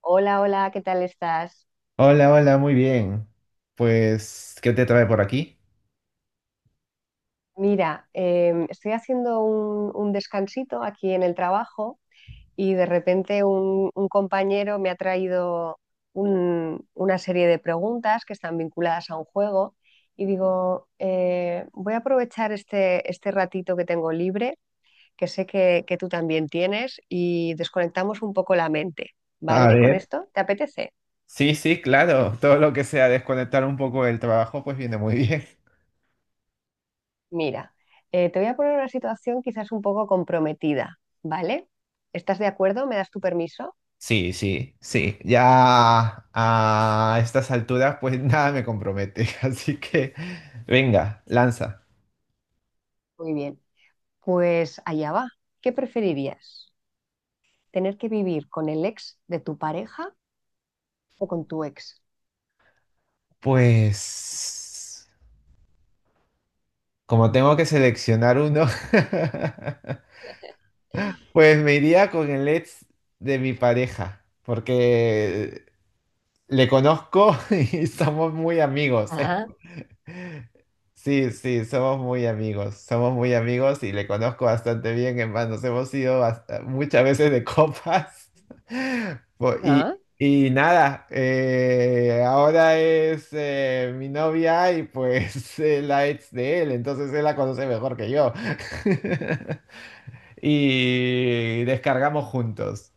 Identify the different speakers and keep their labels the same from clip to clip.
Speaker 1: Hola, hola, ¿qué tal estás?
Speaker 2: Hola, hola, muy bien. Pues, ¿qué te trae por aquí?
Speaker 1: Mira, estoy haciendo un descansito aquí en el trabajo y de repente un compañero me ha traído una serie de preguntas que están vinculadas a un juego y digo, voy a aprovechar este ratito que tengo libre, que sé que tú también tienes, y desconectamos un poco la mente,
Speaker 2: A
Speaker 1: ¿vale? ¿Con
Speaker 2: ver.
Speaker 1: esto? ¿Te apetece?
Speaker 2: Sí, sí, claro. Todo lo que sea desconectar un poco del trabajo, pues viene muy bien.
Speaker 1: Mira, te voy a poner una situación quizás un poco comprometida, ¿vale? ¿Estás de acuerdo? ¿Me das tu permiso?
Speaker 2: Sí, sí, sí. Ya a estas alturas, pues nada me compromete. Así que, venga, lanza.
Speaker 1: Muy bien. Pues allá va. ¿Qué preferirías? ¿Tener que vivir con el ex de tu pareja o con tu ex?
Speaker 2: Pues, como tengo que seleccionar uno, pues me iría con el ex de mi pareja, porque le conozco y somos muy amigos.
Speaker 1: Ah,
Speaker 2: Sí, sí, somos muy amigos y le conozco bastante bien, en nos hemos ido muchas veces de copas. Y,
Speaker 1: ah,
Speaker 2: y nada, ahora es mi novia y pues la ex de él, entonces él la conoce mejor que yo. Y descargamos juntos.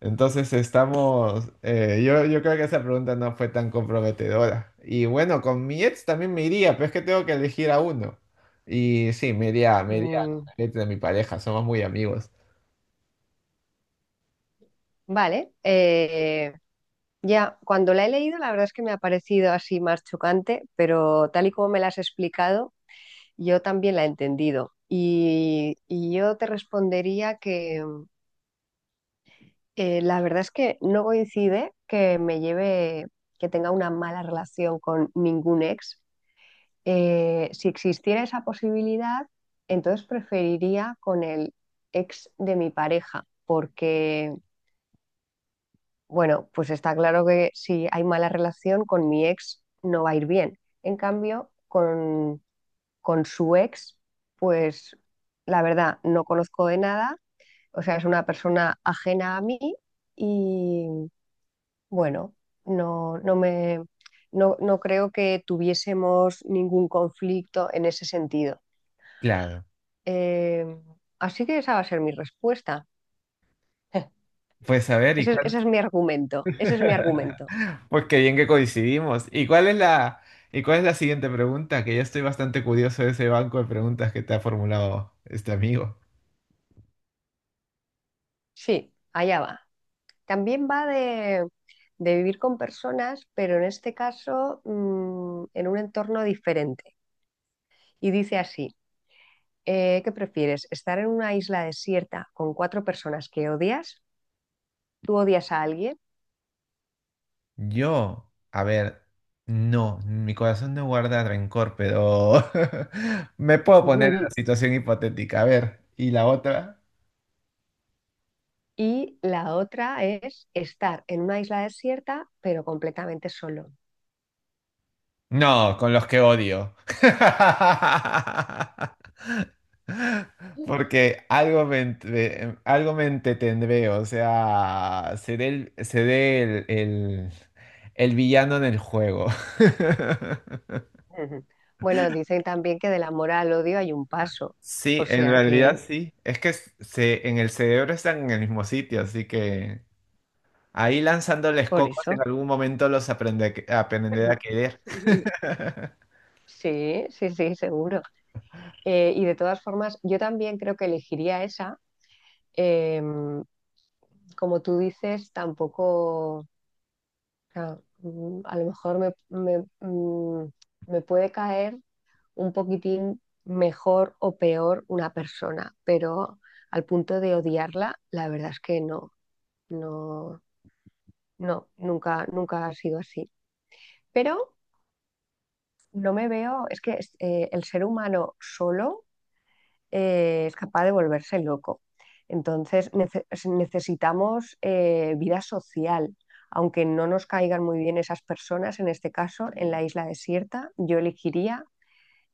Speaker 2: Entonces estamos, yo creo que esa pregunta no fue tan comprometedora. Y bueno, con mi ex también me iría, pero es que tengo que elegir a uno. Y sí, me iría con
Speaker 1: Mm,
Speaker 2: el ex de mi pareja, somos muy amigos.
Speaker 1: vale. Ya, cuando la he leído, la verdad es que me ha parecido así más chocante, pero tal y como me la has explicado, yo también la he entendido. Y yo te respondería que... La verdad es que no coincide que me lleve, que tenga una mala relación con ningún ex. Si existiera esa posibilidad, entonces preferiría con el ex de mi pareja, porque, bueno, pues está claro que si hay mala relación con mi ex no va a ir bien. En cambio, con su ex, pues la verdad, no conozco de nada, o sea, es una persona ajena a mí y bueno, no, no me, no, no creo que tuviésemos ningún conflicto en ese sentido.
Speaker 2: Claro.
Speaker 1: Eh, Así que esa va a ser mi respuesta.
Speaker 2: Pues a ver, ¿y cuál?
Speaker 1: Ese es mi argumento. Ese es mi argumento.
Speaker 2: Pues qué bien que coincidimos. ¿Y cuál es la siguiente pregunta? Que ya estoy bastante curioso de ese banco de preguntas que te ha formulado este amigo.
Speaker 1: Sí, allá va. También va de vivir con personas, pero en este caso en un entorno diferente. Y dice así, ¿qué prefieres? ¿Estar en una isla desierta con cuatro personas que odias? ¿Tú odias a alguien?
Speaker 2: Yo, a ver, no, mi corazón no guarda rencor, pero me puedo poner en la situación hipotética. A ver, ¿y la otra?
Speaker 1: Y la otra es estar en una isla desierta, pero completamente solo.
Speaker 2: No, con los que odio. Porque algo me entretendré, o sea, el villano en el juego.
Speaker 1: Ujú. Bueno, dicen también que del amor al odio hay un paso,
Speaker 2: Sí,
Speaker 1: o
Speaker 2: en
Speaker 1: sea
Speaker 2: realidad
Speaker 1: que
Speaker 2: sí. En el cerebro están en el mismo sitio, así que... Ahí lanzándoles
Speaker 1: por
Speaker 2: cocos en
Speaker 1: eso.
Speaker 2: algún momento los aprende aprender a querer.
Speaker 1: Ujú. Sí, sí, sí, seguro. Y de todas formas, yo también creo que elegiría esa. Em, Como tú dices, tampoco, o sea, a lo mejor mm, me puede caer un poquitín mejor o peor una persona, pero al punto de odiarla, la verdad es que no, no, nunca, nunca ha sido así. Pero no me veo, es que el ser humano solo es capaz de volverse loco. Entonces necesitamos vida social. Aunque no nos caigan muy bien esas personas, en este caso, en la isla desierta, yo elegiría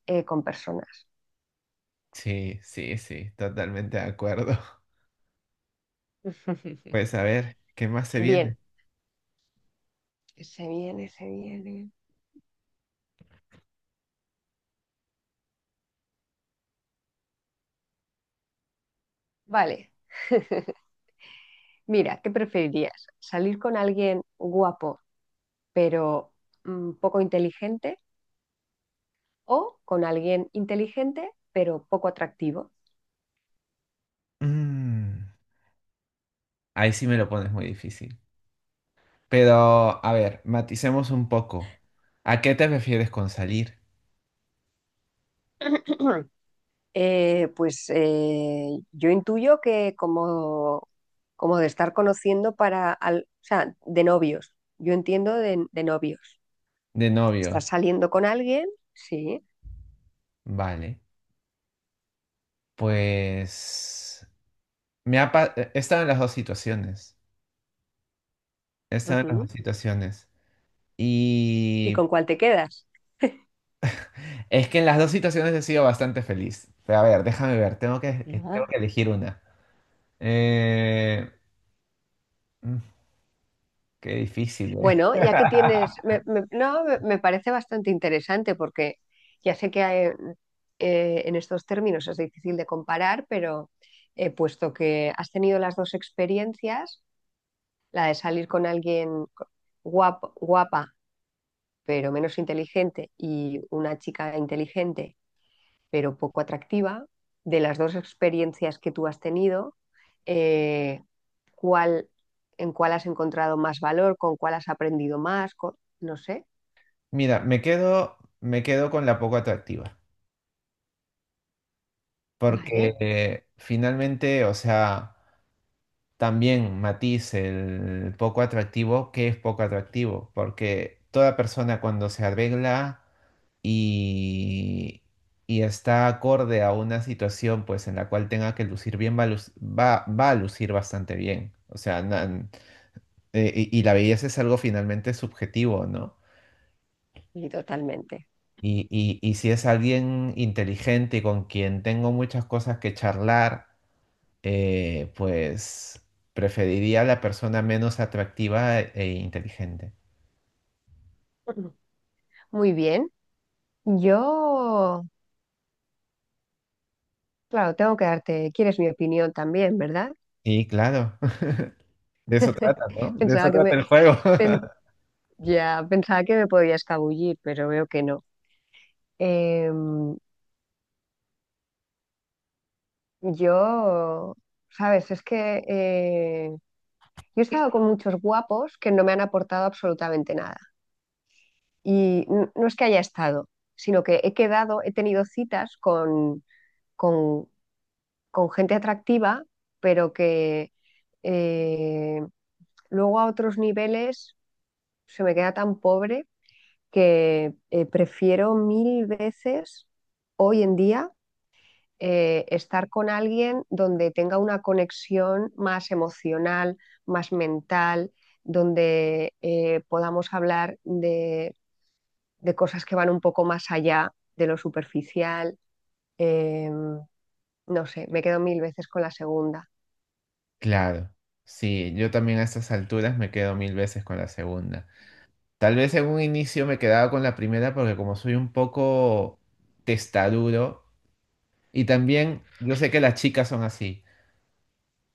Speaker 1: con personas.
Speaker 2: Sí, sí, sí, totalmente de acuerdo. Pues a ver, ¿qué más se
Speaker 1: Bien,
Speaker 2: viene?
Speaker 1: se viene, se viene. Vale, mira, ¿qué preferirías? ¿Salir con alguien guapo pero poco inteligente o con alguien inteligente pero poco atractivo?
Speaker 2: Mm, ahí sí me lo pones muy difícil. Pero, a ver, maticemos un poco. ¿A qué te refieres con salir
Speaker 1: Pues yo intuyo que como, como de estar conociendo para, o sea, de novios, yo entiendo de novios.
Speaker 2: de novio?
Speaker 1: Estás saliendo con alguien, sí.
Speaker 2: Vale, pues he estado en las dos situaciones. He estado en las
Speaker 1: Ujú.
Speaker 2: dos situaciones.
Speaker 1: ¿Y
Speaker 2: Y
Speaker 1: con cuál te quedas?
Speaker 2: es que en las dos situaciones he sido bastante feliz. Pero a ver, déjame ver, tengo que elegir una. Eh, mm, qué difícil, ¿eh?
Speaker 1: Bueno, ya que tienes, no, me parece bastante interesante porque ya sé que hay, en estos términos es difícil de comparar, pero puesto que has tenido las dos experiencias, la de salir con alguien guapo, guapa pero menos inteligente y una chica inteligente pero poco atractiva, de las dos experiencias que tú has tenido, eh, ¿cuál, en cuál has encontrado más valor, con cuál has aprendido más, no sé?
Speaker 2: Mira, me quedo con la poco atractiva, porque
Speaker 1: Vale,
Speaker 2: finalmente, o sea, también matiz el poco atractivo, ¿qué es poco atractivo? Porque toda persona cuando se arregla y, y está acorde a una situación pues en la cual tenga que lucir bien, va a lucir bastante bien. O sea, y la belleza es algo finalmente subjetivo, ¿no?
Speaker 1: y totalmente.
Speaker 2: Y si es alguien inteligente y con quien tengo muchas cosas que charlar, pues preferiría a la persona menos atractiva e inteligente.
Speaker 1: Ujú. Muy bien. Yo, claro, tengo que darte, quieres mi opinión también, ¿verdad?
Speaker 2: Y claro, de eso trata, ¿no? De eso
Speaker 1: Pensaba que
Speaker 2: trata
Speaker 1: me,
Speaker 2: el juego.
Speaker 1: pen- ya pensaba que me podía escabullir, pero veo que no. Em, yo, sabes, es que yo he estado con muchos guapos que no me han aportado absolutamente nada. Y no es que haya estado, sino que he quedado, he tenido citas con con gente atractiva, pero que eh, luego a otros niveles se me queda tan pobre que prefiero mil veces hoy en día estar con alguien donde tenga una conexión más emocional, más mental, donde podamos hablar de cosas que van un poco más allá de lo superficial. Em, no sé, me quedo mil veces con la segunda.
Speaker 2: Claro, sí, yo también a estas alturas me quedo mil veces con la segunda. Tal vez en un inicio me quedaba con la primera porque como soy un poco testarudo y también yo sé que las chicas son así,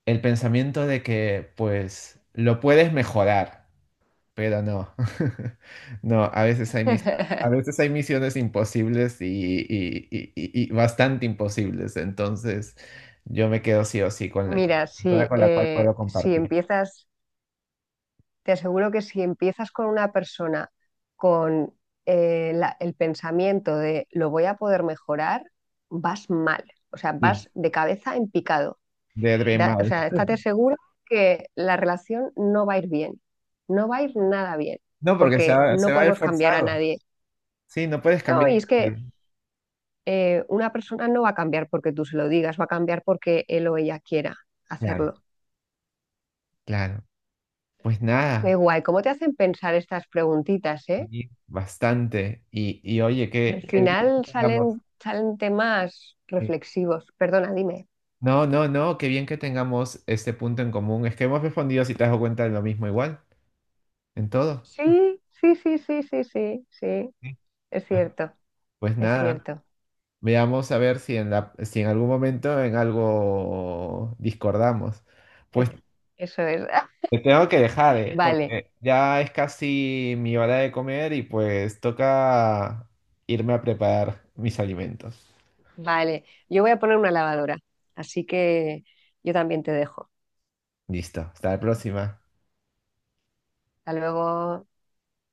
Speaker 2: el pensamiento de que pues lo puedes mejorar, pero no, no, a veces hay misiones imposibles y, y bastante imposibles, entonces yo me quedo sí o sí con la,
Speaker 1: Mira,
Speaker 2: con la
Speaker 1: si,
Speaker 2: con la cual puedo
Speaker 1: si
Speaker 2: compartir.
Speaker 1: empiezas, te aseguro que si empiezas con una persona con el pensamiento de lo voy a poder mejorar, vas mal, o sea,
Speaker 2: Sí.
Speaker 1: vas de cabeza en picado.
Speaker 2: De
Speaker 1: O
Speaker 2: Dremal.
Speaker 1: sea, estate seguro que la relación no va a ir bien, no va a ir nada bien,
Speaker 2: No, porque
Speaker 1: porque
Speaker 2: se
Speaker 1: no
Speaker 2: va a ver
Speaker 1: podemos cambiar a
Speaker 2: forzado.
Speaker 1: nadie.
Speaker 2: Sí, no puedes
Speaker 1: No,
Speaker 2: cambiar
Speaker 1: y es
Speaker 2: a
Speaker 1: que
Speaker 2: nadie.
Speaker 1: una persona no va a cambiar porque tú se lo digas, va a cambiar porque él o ella quiera
Speaker 2: Claro,
Speaker 1: hacerlo.
Speaker 2: claro. Pues
Speaker 1: Qué
Speaker 2: nada,
Speaker 1: guay, ¿cómo te hacen pensar estas preguntitas, eh?
Speaker 2: y bastante. Y oye,
Speaker 1: Al
Speaker 2: qué bien que
Speaker 1: final
Speaker 2: tengamos.
Speaker 1: salen, salen temas
Speaker 2: Sí.
Speaker 1: reflexivos. Perdona, dime.
Speaker 2: No, no, no, qué bien que tengamos este punto en común. Es que hemos respondido, si te has dado cuenta, de lo mismo igual, en todo.
Speaker 1: Sí, sí, sí, sí, sí, sí, sí,
Speaker 2: Sí.
Speaker 1: es cierto,
Speaker 2: Pues
Speaker 1: es
Speaker 2: nada,
Speaker 1: cierto.
Speaker 2: veamos a ver si en la, si en algún momento en algo discordamos.
Speaker 1: Es-
Speaker 2: Pues
Speaker 1: Eso es.
Speaker 2: te tengo que dejar, ¿eh?
Speaker 1: Vale,
Speaker 2: Porque ya es casi mi hora de comer y pues toca irme a preparar mis alimentos.
Speaker 1: vale. Yo voy a poner una lavadora, así que yo también te dejo.
Speaker 2: Listo, hasta la próxima.
Speaker 1: Hasta luego.